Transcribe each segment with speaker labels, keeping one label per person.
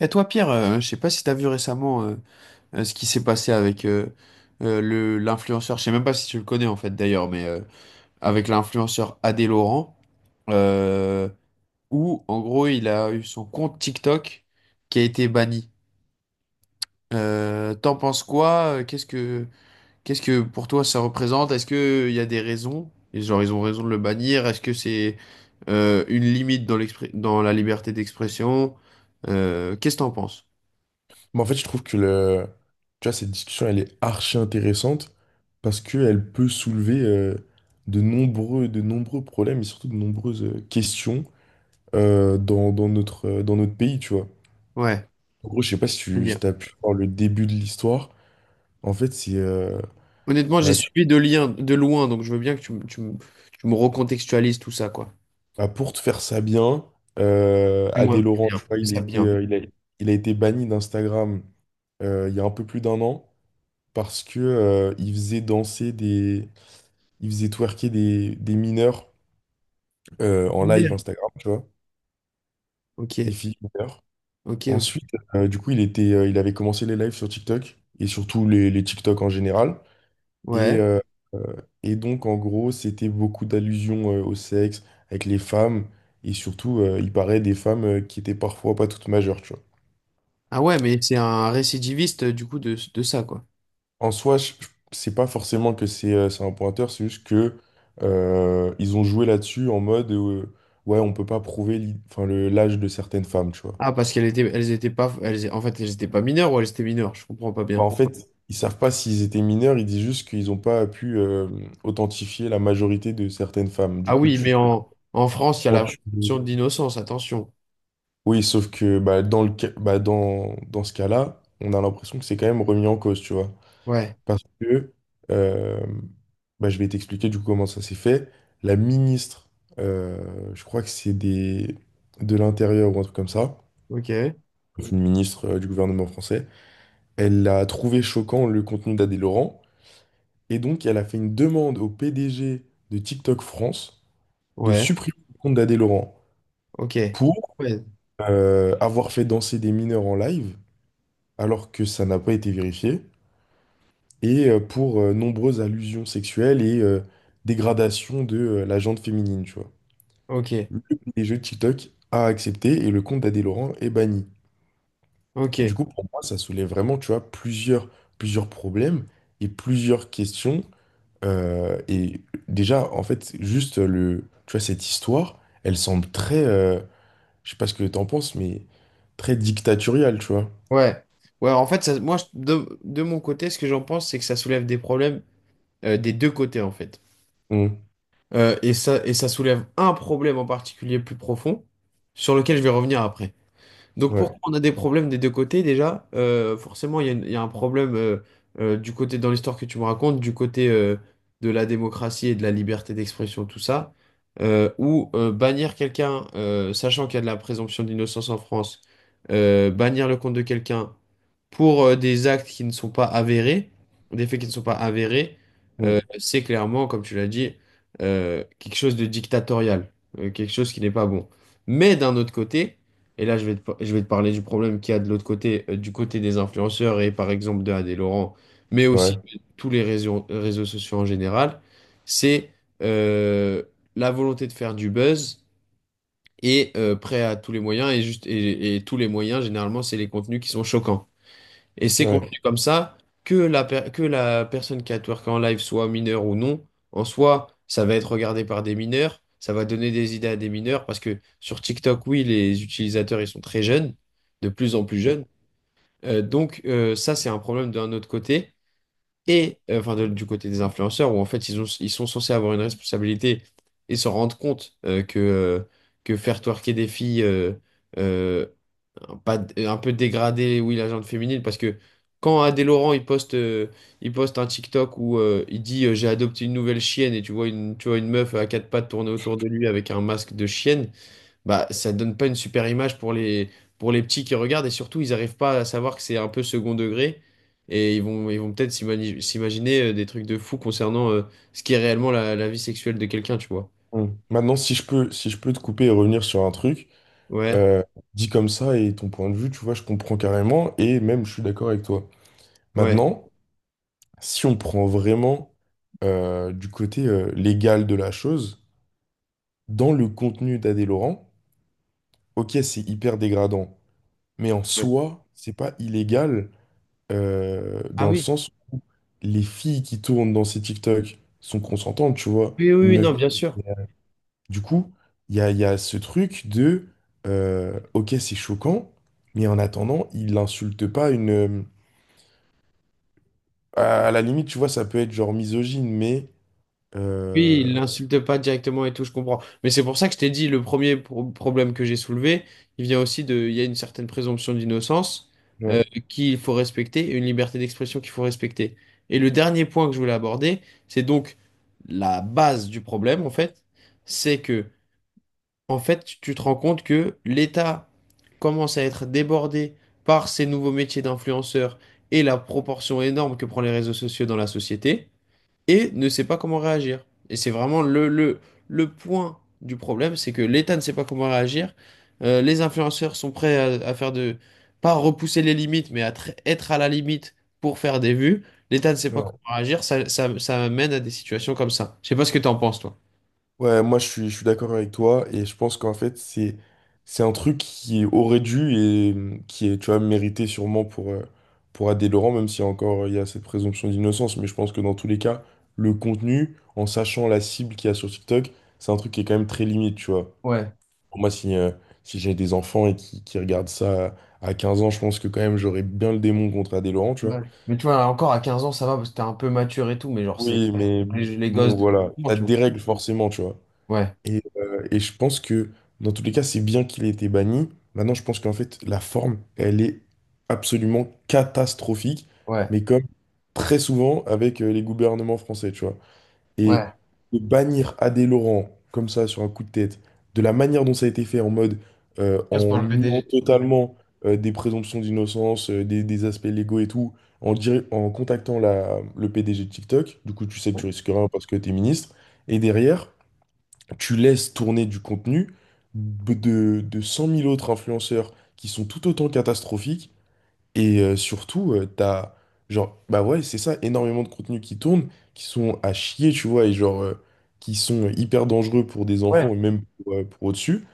Speaker 1: Et toi, Pierre, je sais pas si t'as vu récemment ce qui s'est passé avec le l'influenceur. Je sais même pas si tu le connais en fait d'ailleurs, mais avec l'influenceur Adé Laurent, euh, où en gros il a eu son compte TikTok qui a été banni. T'en penses quoi? Qu'est-ce que pour toi ça représente? Est-ce que il y a des raisons? Et genre ils ont raison de le bannir? Est-ce que c'est une limite dans dans la liberté d'expression? Qu'est-ce que t'en penses?
Speaker 2: Mais en fait, je trouve que le... tu vois, cette discussion, elle est archi intéressante parce qu'elle peut soulever de nombreux problèmes et surtout de nombreuses questions dans, dans notre pays, tu vois.
Speaker 1: Ouais.
Speaker 2: En gros, je sais pas si tu as pu voir le début de l'histoire. En fait, c'est...
Speaker 1: Honnêtement, j'ai
Speaker 2: bah, tu-
Speaker 1: suivi de lien, de loin, donc je veux bien que tu me tu me recontextualises tout ça, quoi.
Speaker 2: bah, pour te faire ça bien,
Speaker 1: Moi,
Speaker 2: Adé Laurent,
Speaker 1: bien,
Speaker 2: tu vois,
Speaker 1: fais ça bien.
Speaker 2: il a été banni d'Instagram il y a un peu plus d'un an parce que, il faisait danser des... Il faisait twerker des mineurs en live Instagram, tu vois,
Speaker 1: Ok,
Speaker 2: des filles mineures.
Speaker 1: ok,
Speaker 2: Ensuite,
Speaker 1: ok.
Speaker 2: du coup, il avait commencé les lives sur TikTok et surtout les TikTok en général. Et,
Speaker 1: Ouais.
Speaker 2: euh, euh, et donc, en gros, c'était beaucoup d'allusions au sexe avec les femmes et surtout, il paraît des femmes qui étaient parfois pas toutes majeures, tu vois.
Speaker 1: Ah ouais, mais c'est un récidiviste du coup de ça, quoi.
Speaker 2: En soi, c'est pas forcément que c'est un pointeur, c'est juste que ils ont joué là-dessus en mode ouais, on peut pas prouver enfin, l'âge de certaines femmes, tu vois.
Speaker 1: Ah, parce qu'elles étaient, elles étaient pas, elles, en fait, elles étaient pas mineures ou elles étaient mineures, je comprends pas
Speaker 2: Bah,
Speaker 1: bien.
Speaker 2: en fait, ils savent pas s'ils étaient mineurs, ils disent juste qu'ils n'ont pas pu authentifier la majorité de certaines femmes. Du
Speaker 1: Ah
Speaker 2: coup,
Speaker 1: oui, mais en, en France, il y a
Speaker 2: quand
Speaker 1: la
Speaker 2: tu-
Speaker 1: présomption d'innocence, attention.
Speaker 2: oui, sauf que bah, dans, dans ce cas-là, on a l'impression que c'est quand même remis en cause, tu vois.
Speaker 1: Ouais,
Speaker 2: Parce que, euh, bah, je vais t'expliquer du coup comment ça s'est fait. La ministre, je crois que c'est des... de l'Intérieur ou un truc comme ça,
Speaker 1: ok,
Speaker 2: une ministre du gouvernement français, elle a trouvé choquant le contenu d'Adé Laurent. Et donc, elle a fait une demande au PDG de TikTok France de
Speaker 1: ouais,
Speaker 2: supprimer le compte d'Adé Laurent
Speaker 1: ok,
Speaker 2: pour
Speaker 1: ouais,
Speaker 2: avoir fait danser des mineurs en live, alors que ça n'a pas été vérifié, et pour nombreuses allusions sexuelles et dégradation de la gente féminine, tu vois.
Speaker 1: ok,
Speaker 2: Le PDG de TikTok a accepté et le compte d'Adé Laurent est banni.
Speaker 1: ok,
Speaker 2: Du coup, pour moi, ça soulève vraiment, tu vois, plusieurs, plusieurs problèmes et plusieurs questions. Euh, et déjà, en fait, juste le, tu vois, cette histoire, elle semble très, euh, je sais pas ce que t'en penses, mais très dictatoriale, tu vois.
Speaker 1: ouais. Ouais, en fait, ça, moi, je- de mon côté, ce que j'en pense, c'est que ça soulève des problèmes des deux côtés en fait.
Speaker 2: Mm.
Speaker 1: Et ça soulève un problème en particulier plus profond, sur lequel je vais revenir après. Donc pourquoi
Speaker 2: Ouais.
Speaker 1: on a des problèmes des deux côtés déjà? Forcément, il y a un problème du côté dans l'histoire que tu me racontes, du côté de la démocratie et de la liberté d'expression, tout ça, où bannir quelqu'un, sachant qu'il y a de la présomption d'innocence en France, bannir le compte de quelqu'un pour des actes qui ne sont pas avérés, des faits qui ne sont pas avérés,
Speaker 2: Mm.
Speaker 1: c'est clairement, comme tu l'as dit, quelque chose de dictatorial, quelque chose qui n'est pas bon. Mais d'un autre côté, et là, je vais te parler du problème qu'il y a de l'autre côté, du côté des influenceurs et par exemple de Adé Laurent, mais aussi
Speaker 2: Ouais.
Speaker 1: de tous les réseaux sociaux en général, c'est euh, la volonté de faire du buzz et prêt à tous les moyens. Et, juste, et tous les moyens, généralement, c'est les contenus qui sont choquants. Et c'est
Speaker 2: Ouais.
Speaker 1: contenu comme ça, que que la personne qui a twerké en live soit mineure ou non, en soi, ça va être regardé par des mineurs, ça va donner des idées à des mineurs, parce que sur TikTok, oui, les utilisateurs, ils sont très jeunes, de plus en plus
Speaker 2: Mm.
Speaker 1: jeunes. Ça, c'est un problème d'un autre côté, et du côté des influenceurs, où en fait, ils ont, ils sont censés avoir une responsabilité et se rendre compte que faire twerker des filles... euh, pas d- un peu dégradé, oui, la gente féminine, parce que quand Adé Laurent il poste un TikTok où il dit j'ai adopté une nouvelle chienne et tu vois une meuf à quatre pattes tourner autour de lui avec un masque de chienne, bah ça donne pas une super image pour les petits qui regardent et surtout ils arrivent pas à savoir que c'est un peu second degré et ils vont peut-être s'imaginer des trucs de fou concernant ce qui est réellement la vie sexuelle de quelqu'un, tu vois.
Speaker 2: Mm. Maintenant, si je peux, si je peux te couper et revenir sur un truc,
Speaker 1: Ouais,
Speaker 2: euh, dit comme ça et ton point de vue, tu vois, je comprends carrément et même je suis d'accord avec toi.
Speaker 1: ouais.
Speaker 2: Maintenant, si on prend vraiment du côté légal de la chose, dans le contenu d'Adé Laurent, ok, c'est hyper dégradant. Mais en
Speaker 1: Ouais.
Speaker 2: soi, c'est pas illégal
Speaker 1: Ah
Speaker 2: dans le
Speaker 1: oui.
Speaker 2: sens où les filles qui tournent dans ces TikTok sont consentantes, tu vois.
Speaker 1: Oui, oui,
Speaker 2: Une
Speaker 1: oui,
Speaker 2: meuf.
Speaker 1: non, bien sûr.
Speaker 2: Du coup, il y a ce truc de ok, c'est choquant, mais en attendant, il n'insulte pas une. À la limite, tu vois, ça peut être genre misogyne, mais.
Speaker 1: Oui,
Speaker 2: euh,
Speaker 1: il l'insulte pas directement et tout, je comprends. Mais c'est pour ça que je t'ai dit, le premier problème que j'ai soulevé, il vient aussi de, il y a une certaine présomption d'innocence
Speaker 2: ouais,
Speaker 1: euh, qu'il faut respecter et une liberté d'expression qu'il faut respecter. Et le dernier point que je voulais aborder, c'est donc la base du problème, en fait, c'est que, en fait, tu te rends compte que l'État commence à être débordé par ces nouveaux métiers d'influenceurs et la proportion énorme que prend les réseaux sociaux dans la société et ne sait pas comment réagir. Et c'est vraiment le point du problème, c'est que l'État ne sait pas comment réagir. Les influenceurs sont prêts à faire de, pas repousser les limites, mais à être à la limite pour faire des vues. L'État ne sait pas
Speaker 2: ouais.
Speaker 1: comment réagir, ça mène à des situations comme ça. Je sais pas ce que tu en penses, toi.
Speaker 2: Ouais, moi je suis d'accord avec toi et je pense qu'en fait c'est un truc qui aurait dû et qui est tu vois mérité sûrement pour Adé Laurent, même si encore il y a cette présomption d'innocence, mais je pense que dans tous les cas le contenu, en sachant la cible qu'il y a sur TikTok, c'est un truc qui est quand même très limite, tu vois.
Speaker 1: Ouais.
Speaker 2: Pour moi si si j'ai des enfants et qui regardent ça à 15 ans, je pense que quand même j'aurais bien le démon contre Adé Laurent, tu vois.
Speaker 1: Ouais. Mais tu vois, encore à 15 ans, ça va parce que t'es un peu mature et tout, mais genre, c'est
Speaker 2: Oui mais
Speaker 1: les gosses
Speaker 2: bon
Speaker 1: de...
Speaker 2: voilà ça
Speaker 1: tu
Speaker 2: te
Speaker 1: vois.
Speaker 2: dérègle forcément, tu vois.
Speaker 1: Ouais,
Speaker 2: Et je pense que dans tous les cas, c'est bien qu'il ait été banni. Maintenant, je pense qu'en fait, la forme, elle est absolument catastrophique,
Speaker 1: ouais,
Speaker 2: mais comme très souvent avec les gouvernements français, tu vois. Et
Speaker 1: ouais.
Speaker 2: de bannir Adé Laurent comme ça sur un coup de tête, de la manière dont ça a été fait, en mode
Speaker 1: Je passe
Speaker 2: en
Speaker 1: par le
Speaker 2: niant
Speaker 1: PDG.
Speaker 2: totalement des présomptions d'innocence, des aspects légaux et tout, en contactant la, le PDG de TikTok, du coup, tu sais que tu risques rien parce que t'es ministre. Et derrière, tu laisses tourner du contenu de 100 000 autres influenceurs qui sont tout autant catastrophiques. Surtout, genre, bah ouais, c'est ça, énormément de contenus qui tournent, qui sont à chier, tu vois, et genre, qui sont hyper dangereux pour des enfants et même pour au-dessus,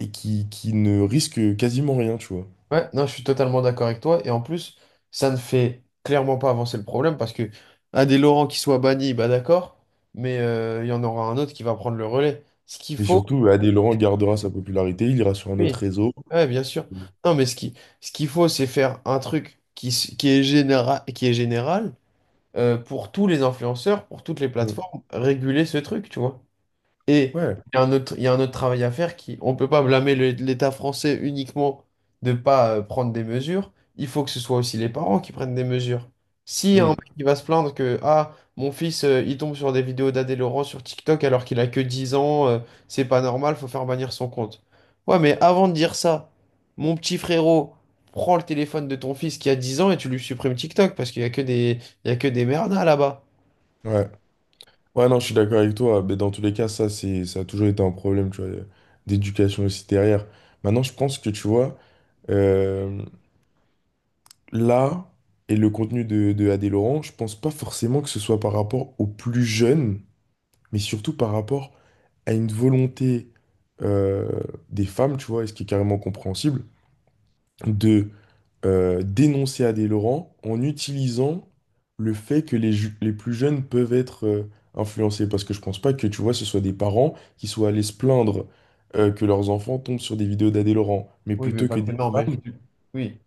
Speaker 2: et qui ne risquent quasiment rien, tu vois.
Speaker 1: Ouais, non, je suis totalement d'accord avec toi. Et en plus, ça ne fait clairement pas avancer le problème parce que un des Laurent qui soit banni, bah d'accord, mais il y en aura un autre qui va prendre le relais. Ce qu'il
Speaker 2: Mais
Speaker 1: faut,
Speaker 2: surtout, bah, Adé Laurent gardera sa popularité, il ira sur un
Speaker 1: oui,
Speaker 2: autre réseau.
Speaker 1: ouais, bien sûr.
Speaker 2: Mm.
Speaker 1: Non, mais ce qui, ce qu'il faut, c'est faire un truc qui, s- qui est général pour tous les influenceurs, pour toutes les plateformes, réguler ce truc, tu vois. Et
Speaker 2: Ouais.
Speaker 1: il y a un autre travail à faire qui, on ne peut pas blâmer l'État français uniquement de ne pas prendre des mesures. Il faut que ce soit aussi les parents qui prennent des mesures. Si un
Speaker 2: Mm.
Speaker 1: mec qui va se plaindre que ah mon fils il tombe sur des vidéos d'Adé Laurent sur TikTok alors qu'il a que 10 ans, c'est pas normal, faut faire bannir son compte. Ouais, mais avant de dire ça, mon petit frérot, prends le téléphone de ton fils qui a 10 ans et tu lui supprimes TikTok parce qu'il y a que des il y a que des merdas là-bas.
Speaker 2: Ouais. Ouais, non, je suis d'accord avec toi. Mais dans tous les cas, ça, c'est, ça a toujours été un problème, tu vois, d'éducation aussi derrière. Maintenant, je pense que, tu vois, euh, là, et le contenu de Adé Laurent, je pense pas forcément que ce soit par rapport aux plus jeunes, mais surtout par rapport à une volonté euh, des femmes, tu vois, et ce qui est carrément compréhensible, de dénoncer Adé Laurent en utilisant le fait que les, les plus jeunes peuvent être influencés. Parce que je pense pas que, tu vois, ce soit des parents qui soient allés se plaindre que leurs enfants tombent sur des vidéos d'Adé Laurent, mais
Speaker 1: Oui, mais
Speaker 2: plutôt
Speaker 1: pas
Speaker 2: que
Speaker 1: que
Speaker 2: des
Speaker 1: non, mais je-
Speaker 2: femmes.
Speaker 1: oui.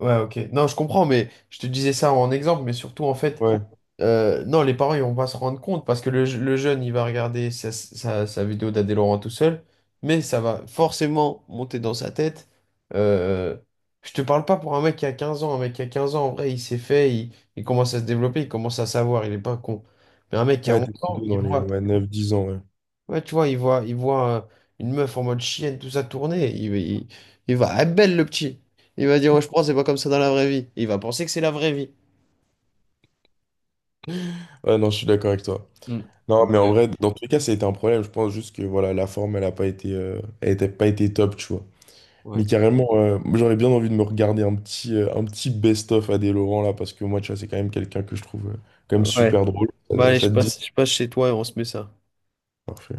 Speaker 1: Ouais, ok. Non, je comprends, mais je te disais ça en exemple, mais surtout en fait,
Speaker 2: Ouais,
Speaker 1: non, les parents ils vont pas se rendre compte parce que le jeune il va regarder sa vidéo d'Adé Laurent tout seul, mais ça va forcément monter dans sa tête. Euh, je te parle pas pour un mec qui a 15 ans, un mec qui a 15 ans en vrai il commence à se développer, il commence à savoir, il est pas con. Mais un mec qui a
Speaker 2: ouais,
Speaker 1: 11
Speaker 2: t'es
Speaker 1: ans,
Speaker 2: plutôt
Speaker 1: il
Speaker 2: dans les
Speaker 1: voit.
Speaker 2: ouais, 9-10 ans. Ouais.
Speaker 1: Ouais, tu vois, il voit une meuf en mode chienne, tout ça tourner. Il va, ah, belle le petit. Il va dire, ouais, je pense, c'est pas comme ça dans la vraie vie. Et il va penser que c'est la vraie vie.
Speaker 2: Ouais, non, je suis d'accord avec toi.
Speaker 1: Mm.
Speaker 2: Non,
Speaker 1: Mais,
Speaker 2: mais en vrai, dans tous les cas, ça a été un problème. Je pense juste que voilà, la forme, elle a pas été, elle était pas été top, tu vois. Mais
Speaker 1: Ouais.
Speaker 2: carrément, j'aurais bien envie de me regarder un petit best-of Adé Laurent là, parce que moi, tu vois, c'est quand même quelqu'un que je trouve quand même
Speaker 1: Ouais.
Speaker 2: super drôle.
Speaker 1: Bah allez,
Speaker 2: Ça te dit?
Speaker 1: je passe chez toi et on se met ça.
Speaker 2: Parfait.